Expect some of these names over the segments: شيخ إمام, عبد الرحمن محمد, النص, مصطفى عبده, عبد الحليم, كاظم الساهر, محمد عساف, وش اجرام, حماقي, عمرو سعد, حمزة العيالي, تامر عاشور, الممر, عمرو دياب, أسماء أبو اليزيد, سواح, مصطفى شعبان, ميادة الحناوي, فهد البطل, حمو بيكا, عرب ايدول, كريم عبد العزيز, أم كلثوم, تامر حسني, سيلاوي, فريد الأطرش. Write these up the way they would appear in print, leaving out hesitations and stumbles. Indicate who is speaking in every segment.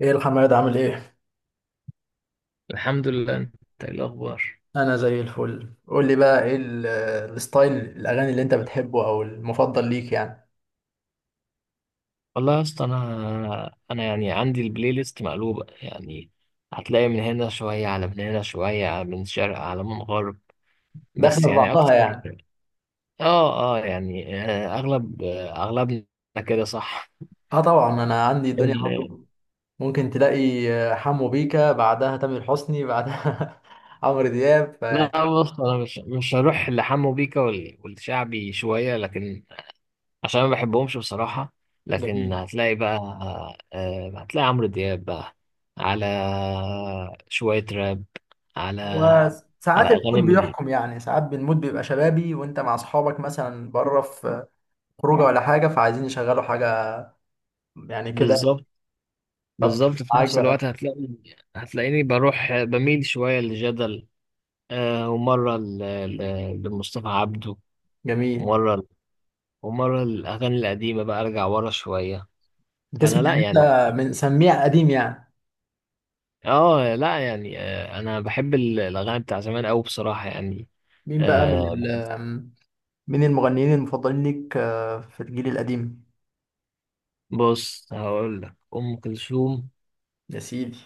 Speaker 1: ايه الحماد، عامل ايه؟
Speaker 2: الحمد لله. انت ايه الاخبار؟
Speaker 1: انا زي الفل. قول لي بقى ايه الستايل الاغاني اللي انت بتحبه او المفضل ليك يعني؟
Speaker 2: والله يا اسطى، انا يعني عندي البلاي ليست مقلوبه يعني. هتلاقي من هنا شويه، على من هنا شويه، على من شرق، على من غرب. بس
Speaker 1: داخله في
Speaker 2: يعني
Speaker 1: بعضها
Speaker 2: اكتر.
Speaker 1: يعني.
Speaker 2: اه اه يعني، اغلبنا كده صح.
Speaker 1: اه طبعا انا عندي الدنيا
Speaker 2: ال-
Speaker 1: برضه. ممكن تلاقي حمو بيكا، بعدها تامر حسني، بعدها عمرو دياب فيعني.
Speaker 2: لا، بص، انا مش هروح لحمو بيكا والشعبي شويه، لكن عشان ما بحبهمش بصراحة. لكن
Speaker 1: جميل.
Speaker 2: هتلاقي بقى، هتلاقي عمرو دياب بقى، على شوية راب، على على
Speaker 1: وساعات
Speaker 2: أغاني
Speaker 1: المود
Speaker 2: من.
Speaker 1: بيحكم، يعني ساعات المود بيبقى شبابي، وانت مع اصحابك مثلا بره في خروجه ولا حاجه فعايزين يشغلوا حاجه يعني كده.
Speaker 2: بالظبط.
Speaker 1: فبتبقى
Speaker 2: بالظبط، في
Speaker 1: معاك
Speaker 2: نفس
Speaker 1: بقى.
Speaker 2: الوقت هتلاقي، هتلاقيني بروح بميل شوية لجدل، ومرة لمصطفى عبده.
Speaker 1: جميل.
Speaker 2: ومرة، الأغاني القديمة بقى، أرجع ورا شوية.
Speaker 1: بتسمع
Speaker 2: فأنا لا
Speaker 1: يعني
Speaker 2: يعني،
Speaker 1: انت من سميع قديم يعني؟
Speaker 2: أنا بحب الأغاني بتاع زمان أوي بصراحة يعني.
Speaker 1: مين بقى
Speaker 2: آه،
Speaker 1: من المغنيين المفضلين ليك في الجيل القديم؟
Speaker 2: بص، هقول لك ام كلثوم
Speaker 1: يا سيدي.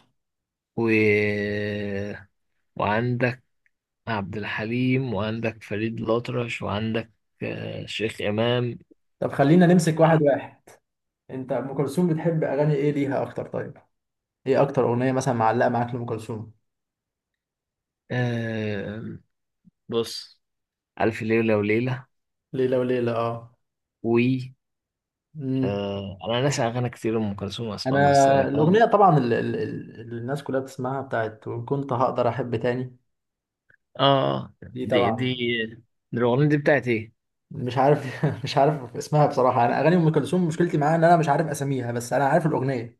Speaker 2: و... وعندك عبد الحليم، وعندك فريد الأطرش، وعندك شيخ امام.
Speaker 1: طب خلينا نمسك واحد واحد. انت ام كلثوم بتحب اغاني ايه ليها اكتر؟ طيب ايه اكتر اغنيه مثلا معلقه معاك لام كلثوم؟
Speaker 2: آه، بص، الف ليله وليله،
Speaker 1: ليلة وليلة اه.
Speaker 2: و
Speaker 1: امم،
Speaker 2: انا ناسي اغاني كتير ام كلثوم
Speaker 1: انا
Speaker 2: اصلا، بس يعني اه.
Speaker 1: الاغنيه طبعا اللي الناس كلها بتسمعها بتاعت وان كنت هقدر احب تاني.
Speaker 2: اه،
Speaker 1: دي
Speaker 2: دي.
Speaker 1: طبعا.
Speaker 2: دي الاغنيه دي بتاعت ايه؟
Speaker 1: مش عارف مش عارف اسمها بصراحه. انا اغاني ام كلثوم مشكلتي معاها ان انا مش عارف اساميها، بس انا عارف الاغنيه.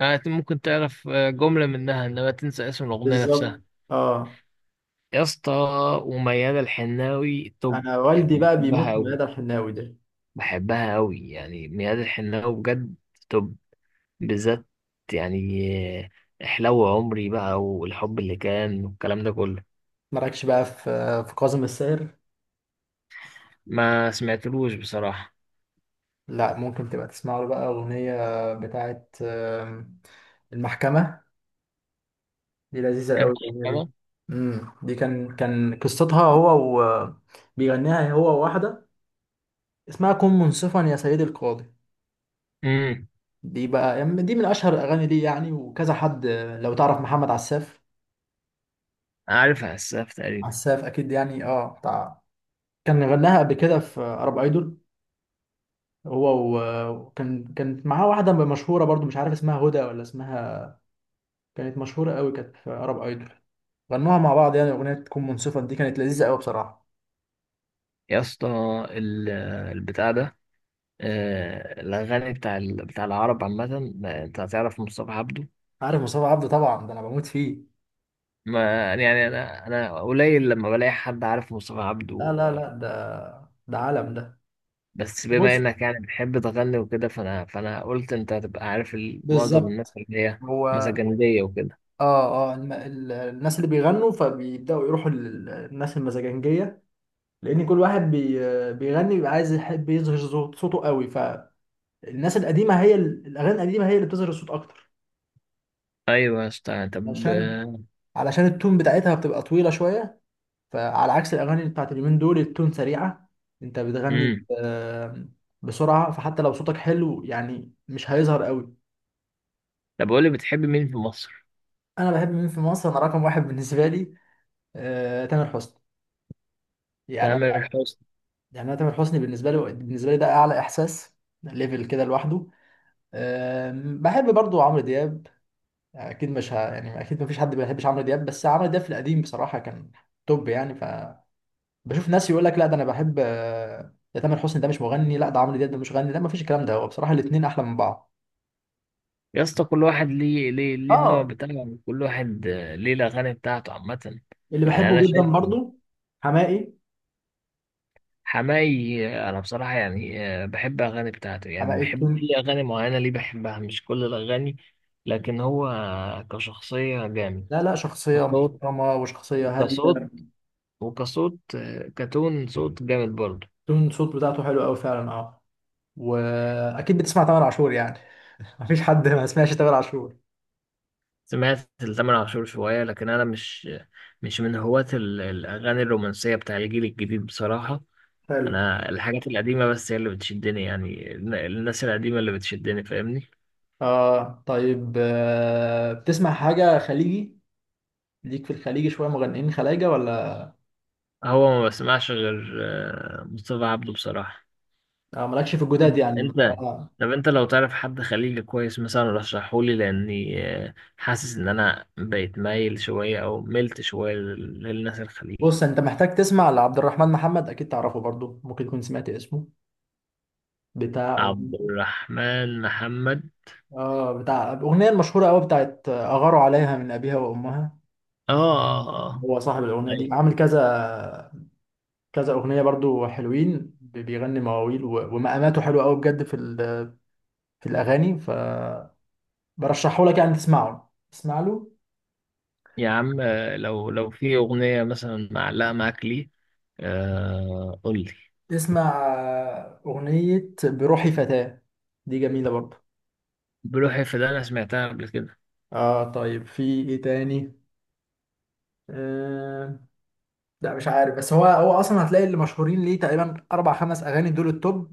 Speaker 2: ممكن تعرف جمله منها، انما تنسى اسم الاغنيه
Speaker 1: بالظبط.
Speaker 2: نفسها.
Speaker 1: اه.
Speaker 2: يا اسطى. وميادة الحناوي توب،
Speaker 1: انا
Speaker 2: يعني
Speaker 1: والدي بقى بيموت
Speaker 2: بحبها
Speaker 1: في
Speaker 2: أوي،
Speaker 1: ميادة الحناوي ده.
Speaker 2: بحبها قوي يعني. ميادة الحناوي بجد. طب، بالذات يعني، حلو عمري بقى، والحب اللي كان، والكلام ده كله.
Speaker 1: مالكش بقى في كاظم الساهر؟
Speaker 2: ما سمعتلوش بصراحة.
Speaker 1: لا، ممكن تبقى تسمع له بقى اغنيه بتاعت المحكمه. دي لذيذه قوي الاغنيه دي.
Speaker 2: المحكمة.
Speaker 1: امم، دي كان قصتها هو و بيغنيها هو وواحده اسمها كن منصفا يا سيدي القاضي.
Speaker 2: امم.
Speaker 1: دي بقى يعني دي من اشهر الاغاني دي يعني، وكذا حد. لو تعرف محمد عساف.
Speaker 2: عارف اسف تقريبا.
Speaker 1: عساف اكيد يعني، بتاع. كان غناها قبل كده في عرب ايدول. هو و- وكان كانت معاه واحدة مشهورة برضو، مش عارف اسمها هدى ولا اسمها. كانت مشهورة قوي كانت في عرب ايدول. غنوها مع بعض يعني. أغنية تكون منصفة دي كانت لذيذة قوي بصراحة.
Speaker 2: يا اسطى، ال- البتاع ده، الاغاني بتاع بتاع العرب عامة. ما انت هتعرف مصطفى عبده.
Speaker 1: عارف مصطفى عبده طبعا، ده أنا بموت فيه.
Speaker 2: ما يعني، انا قليل لما بلاقي حد عارف مصطفى
Speaker 1: لا
Speaker 2: عبده.
Speaker 1: لا لا، ده عالم ده.
Speaker 2: بس بما
Speaker 1: بص،
Speaker 2: انك يعني بتحب تغني وكده، فانا قلت انت هتبقى عارف معظم الناس
Speaker 1: بالظبط.
Speaker 2: اللي هي
Speaker 1: هو
Speaker 2: مسجندية وكده.
Speaker 1: اه اه الم... ال... الناس اللي بيغنوا فبيبدأوا يروحوا للناس المزاجنجية لأن كل واحد بيغني بيبقى عايز يحب يظهر صوته قوي. فالناس القديمة، هي الأغاني القديمة هي اللي بتظهر الصوت أكتر.
Speaker 2: ايوه يا اسطى. طب
Speaker 1: عشان علشان التون بتاعتها بتبقى طويلة شوية، فعلى عكس الأغاني بتاعت اليومين دول التون سريعة. أنت بتغني
Speaker 2: امم.
Speaker 1: آه، بسرعة فحتى لو صوتك حلو يعني مش هيظهر قوي.
Speaker 2: طب قول لي، بتحب مين في مصر؟
Speaker 1: أنا بحب مين في مصر؟ أنا رقم واحد بالنسبة لي تامر حسني. يعني أنا،
Speaker 2: تامر حسني.
Speaker 1: يعني أنا تامر حسني بالنسبة لي ده أعلى إحساس. ده ليفل كده لوحده. بحب برضو عمرو دياب. أكيد مش ه... يعني أكيد مفيش حد ما بيحبش عمرو دياب، بس عمرو دياب في القديم بصراحة كان توب يعني. بشوف ناس يقول لك لا ده انا بحب، ده تامر حسني ده مش مغني، لا ده عمرو دياب ده مش مغني. لا، مفيش الكلام ده، هو بصراحه الاثنين احلى من بعض.
Speaker 2: يا اسطى، كل واحد ليه، ليه، ليه النوع
Speaker 1: اه،
Speaker 2: بتاعه، كل واحد ليه الاغاني بتاعته عامة.
Speaker 1: اللي
Speaker 2: يعني
Speaker 1: بحبه
Speaker 2: انا
Speaker 1: جدا
Speaker 2: شايف إن
Speaker 1: برضو حماقي.
Speaker 2: حماي، انا بصراحة يعني، بحب اغاني بتاعته، يعني
Speaker 1: حماقي
Speaker 2: بحب
Speaker 1: تون.
Speaker 2: في اغاني معينة ليه، بحبها مش كل الاغاني. لكن هو كشخصية جامد.
Speaker 1: لا لا، شخصية
Speaker 2: كصوت،
Speaker 1: محترمة وشخصية هادية.
Speaker 2: كصوت، وكصوت، كتون صوت جامد برضه.
Speaker 1: تون صوت بتاعته حلو قوي فعلا، اه. وأكيد بتسمع تامر عاشور يعني. مفيش حد ما سمعش تامر عاشور.
Speaker 2: سمعت لتامر عاشور شوية، لكن أنا مش من هواة الأغاني الرومانسية بتاع الجيل الجديد بصراحة.
Speaker 1: حلو.
Speaker 2: أنا الحاجات القديمة بس هي اللي بتشدني، يعني الناس القديمة اللي بتشدني، فاهمني.
Speaker 1: اه طيب، بتسمع حاجة خليجي؟ ليك في الخليجي شوية مغنيين خلايجة ولا؟
Speaker 2: هو ما بسمعش غير مصطفى عبده بصراحة.
Speaker 1: آه، مالكش في الجداد يعني؟
Speaker 2: أنت.
Speaker 1: آه.
Speaker 2: طب أنت لو تعرف حد خليجي كويس مثلا، رشحهولي، لأني حاسس إن أنا بقيت مايل شوية أو ملت شوية للناس الخليج.
Speaker 1: بص انت محتاج تسمع لعبد الرحمن محمد، اكيد تعرفه برضو، ممكن تكون سمعت اسمه. بتاع،
Speaker 2: عبد الرحمن محمد.
Speaker 1: اه بتاع الاغنيه المشهوره قوي بتاعت اغاروا عليها من ابيها وامها.
Speaker 2: اه
Speaker 1: هو صاحب الاغنيه دي.
Speaker 2: طيب.
Speaker 1: عامل كذا كذا اغنيه برضو حلوين، بيغني مواويل ومقاماته حلوه قوي بجد في الاغاني. فبرشحه لك يعني، تسمعه، اسمع له.
Speaker 2: يا عم، لو في أغنية مثلا معلقة معاك ليه، آه قول لي.
Speaker 1: اسمع اغنيه بروحي فتاه. دي جميله برضو.
Speaker 2: بلوحي، في ده أنا سمعتها قبل كده.
Speaker 1: اه طيب، في ايه تاني؟ آه، لا مش عارف، بس هو اصلا هتلاقي اللي مشهورين ليه تقريبا اربع خمس اغاني دول التوب.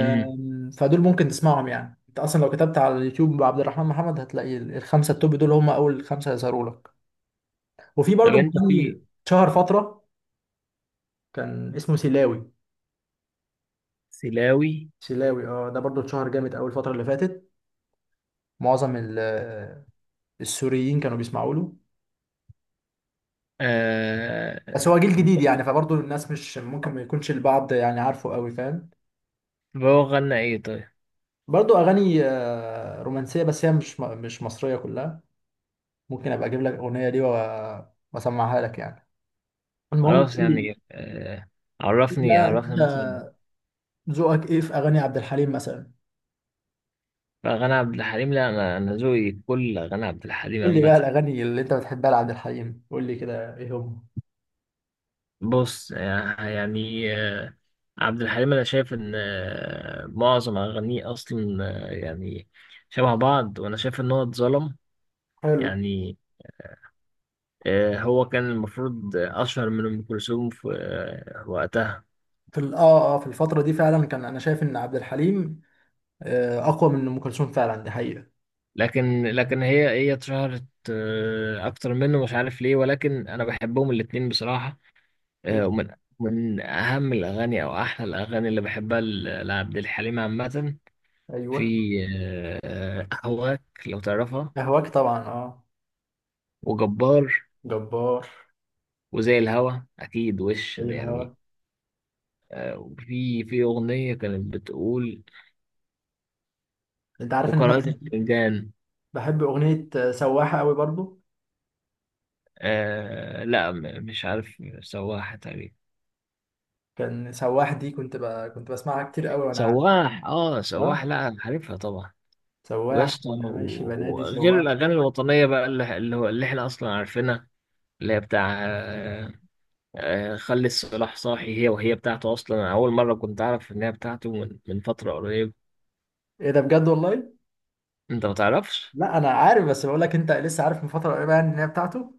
Speaker 2: امم.
Speaker 1: فدول ممكن تسمعهم يعني، انت اصلا لو كتبت على اليوتيوب عبد الرحمن محمد هتلاقي الخمسه التوب دول هم اول خمسه يظهروا لك. وفي
Speaker 2: طب
Speaker 1: برضو
Speaker 2: أنت
Speaker 1: مغني
Speaker 2: في.
Speaker 1: شهر فتره كان اسمه سيلاوي.
Speaker 2: سلاوي.
Speaker 1: سيلاوي اه، ده برضو اتشهر جامد اول الفتره اللي فاتت. معظم السوريين كانوا بيسمعوا له.
Speaker 2: آه.
Speaker 1: بس هو جيل جديد يعني، فبرضو الناس مش ممكن ما يكونش البعض يعني عارفه قوي، فاهم.
Speaker 2: طب هو غنى إيه طيب؟
Speaker 1: برضو اغاني رومانسيه، بس هي مش مصريه كلها. ممكن ابقى اجيب لك الاغنيه دي واسمعها لك يعني. المهم
Speaker 2: خلاص
Speaker 1: قول لي.
Speaker 2: يعني آه.
Speaker 1: قول لي
Speaker 2: عرفني،
Speaker 1: بقى انت
Speaker 2: عرفني مثلا.
Speaker 1: ذوقك ايه في اغاني عبد الحليم مثلا.
Speaker 2: فغنى عبد الحليم، لا أنا، ذوقي كل غنى عبد الحليم
Speaker 1: قول لي
Speaker 2: عامة.
Speaker 1: بقى الاغاني اللي انت بتحبها لعبد الحليم، قول لي كده ايه هم.
Speaker 2: بص عبد الحليم انا شايف ان معظم اغانيه اصلا يعني شبه بعض، وانا شايف ان هو اتظلم
Speaker 1: حلو.
Speaker 2: يعني. هو كان المفروض اشهر من ام كلثوم في وقتها.
Speaker 1: في في الفتره دي فعلا كان، انا شايف ان عبد الحليم اقوى من ام كلثوم فعلا، دي حقيقه.
Speaker 2: لكن هي هي اتشهرت اكتر منه، مش عارف ليه. ولكن انا بحبهم الاتنين بصراحة.
Speaker 1: مم.
Speaker 2: ومن من اهم الاغاني او احلى الاغاني اللي بحبها لعبد الحليم عامة،
Speaker 1: ايوه.
Speaker 2: في آه، اهواك لو تعرفها،
Speaker 1: اهواك طبعا، اه.
Speaker 2: وجبار،
Speaker 1: جبار.
Speaker 2: وزي الهوا. اكيد. وش
Speaker 1: اي
Speaker 2: ده
Speaker 1: الهوا.
Speaker 2: يعني؟ في اغنيه كانت بتقول،
Speaker 1: انت عارف ان انا
Speaker 2: وقارئة الفنجان.
Speaker 1: بحب اغنيه سواحه قوي برضو.
Speaker 2: آه، لا مش عارف. سواح تقريبا.
Speaker 1: كان سواح دي كنت بسمعها كتير قوي وانا.
Speaker 2: سواح، اه سواح،
Speaker 1: اه
Speaker 2: لا عارفها طبعا. ويا
Speaker 1: سواح
Speaker 2: اسطى،
Speaker 1: وانا ماشي بنادي
Speaker 2: وغير
Speaker 1: سواح.
Speaker 2: الاغاني الوطنيه بقى، اللي هو احنا اصلا عارفينها، اللي هي بتاع آه، خلي الصلاح صاحي، هي وهي بتاعته اصلا. انا اول مره كنت اعرف ان هي بتاعته من فتره قريبه.
Speaker 1: ايه ده بجد، والله؟
Speaker 2: انت ما تعرفش.
Speaker 1: لا انا عارف، بس بقول لك انت لسه عارف من فتره قريبه يعني ان هي بتاعته.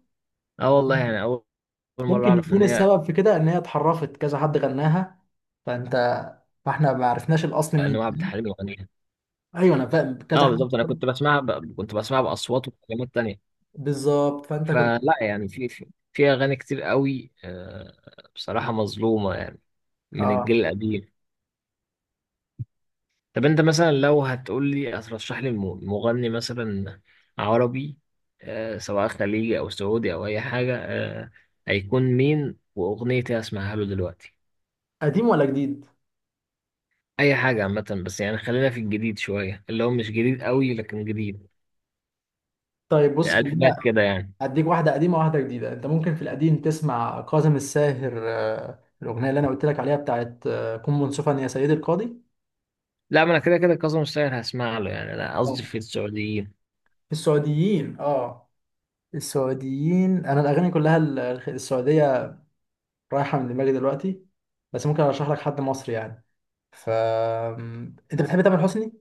Speaker 2: اه والله، يعني اول، أول مره
Speaker 1: ممكن
Speaker 2: اعرف
Speaker 1: يكون
Speaker 2: ان هي،
Speaker 1: السبب في كده ان هي اتحرفت كذا حد غناها فانت فاحنا ما عرفناش الاصل
Speaker 2: ان هو
Speaker 1: مين.
Speaker 2: عبد الحليم يغنيها.
Speaker 1: ايوه انا فاهم كذا
Speaker 2: اه
Speaker 1: حد.
Speaker 2: بالظبط. انا كنت بسمعها كنت بسمعها باصوات وكلمات تانية.
Speaker 1: بالظبط فانت كنت.
Speaker 2: فلا يعني، في اغاني كتير قوي، بصراحه مظلومه يعني من
Speaker 1: اه.
Speaker 2: الجيل القديم. طب انت مثلا لو هتقول لي، هترشح لي مغني مثلا عربي، سواء خليجي او سعودي او اي حاجه، هيكون مين؟ واغنيتي اسمعها له دلوقتي.
Speaker 1: قديم ولا جديد؟
Speaker 2: اي حاجه عامه، بس يعني خلينا في الجديد شويه، اللي هو مش جديد قوي لكن جديد.
Speaker 1: طيب بص
Speaker 2: الفينات
Speaker 1: خلينا
Speaker 2: كده يعني.
Speaker 1: اديك واحده قديمه واحده جديده. انت ممكن في القديم تسمع كاظم الساهر، الاغنيه اللي انا قلت لك عليها بتاعت كن منصفا يا سيدي القاضي.
Speaker 2: لا، ما انا كده كده كاظم الساهر هسمع له، يعني انا قصدي
Speaker 1: آه.
Speaker 2: في السعوديين.
Speaker 1: في السعوديين اه، السعوديين انا الاغاني كلها السعوديه رايحه من دماغي دلوقتي. بس ممكن ارشح لك حد مصري يعني. ف انت بتحب تامر حسني.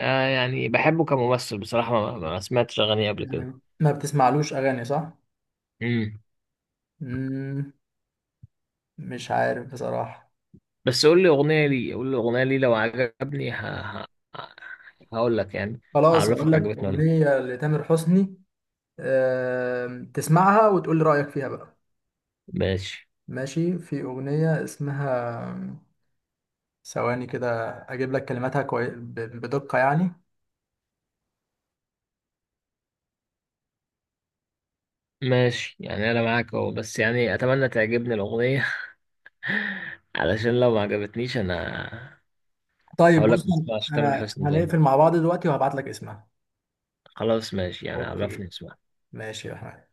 Speaker 2: آه، يعني بحبه كممثل بصراحه. ما سمعتش اغانيه قبل كده.
Speaker 1: تمام، ما بتسمعلوش اغاني صح.
Speaker 2: امم.
Speaker 1: مم، مش عارف بصراحه.
Speaker 2: بس قول لي اغنيه لي، قول لي اغنيه لي، لو عجبني ه... هقول لك يعني،
Speaker 1: خلاص هقول
Speaker 2: هعرفك
Speaker 1: لك
Speaker 2: عجبتني ولا لأ.
Speaker 1: اغنيه لتامر حسني. آم، تسمعها وتقول لي رايك فيها بقى.
Speaker 2: ماشي.
Speaker 1: ماشي. في اغنيه اسمها ثواني كده اجيب لك كلماتها بدقه يعني.
Speaker 2: ماشي يعني انا معاك اهو، بس يعني اتمنى تعجبني الاغنيه علشان لو ما عجبتنيش انا
Speaker 1: طيب
Speaker 2: هقول
Speaker 1: بص
Speaker 2: لك ما تسمعش تامر
Speaker 1: انا
Speaker 2: حسني تاني.
Speaker 1: هنقفل مع بعض دلوقتي وهبعت لك اسمها.
Speaker 2: خلاص ماشي يعني، عرفني
Speaker 1: اوكي.
Speaker 2: اسمع.
Speaker 1: ماشي يا احمد.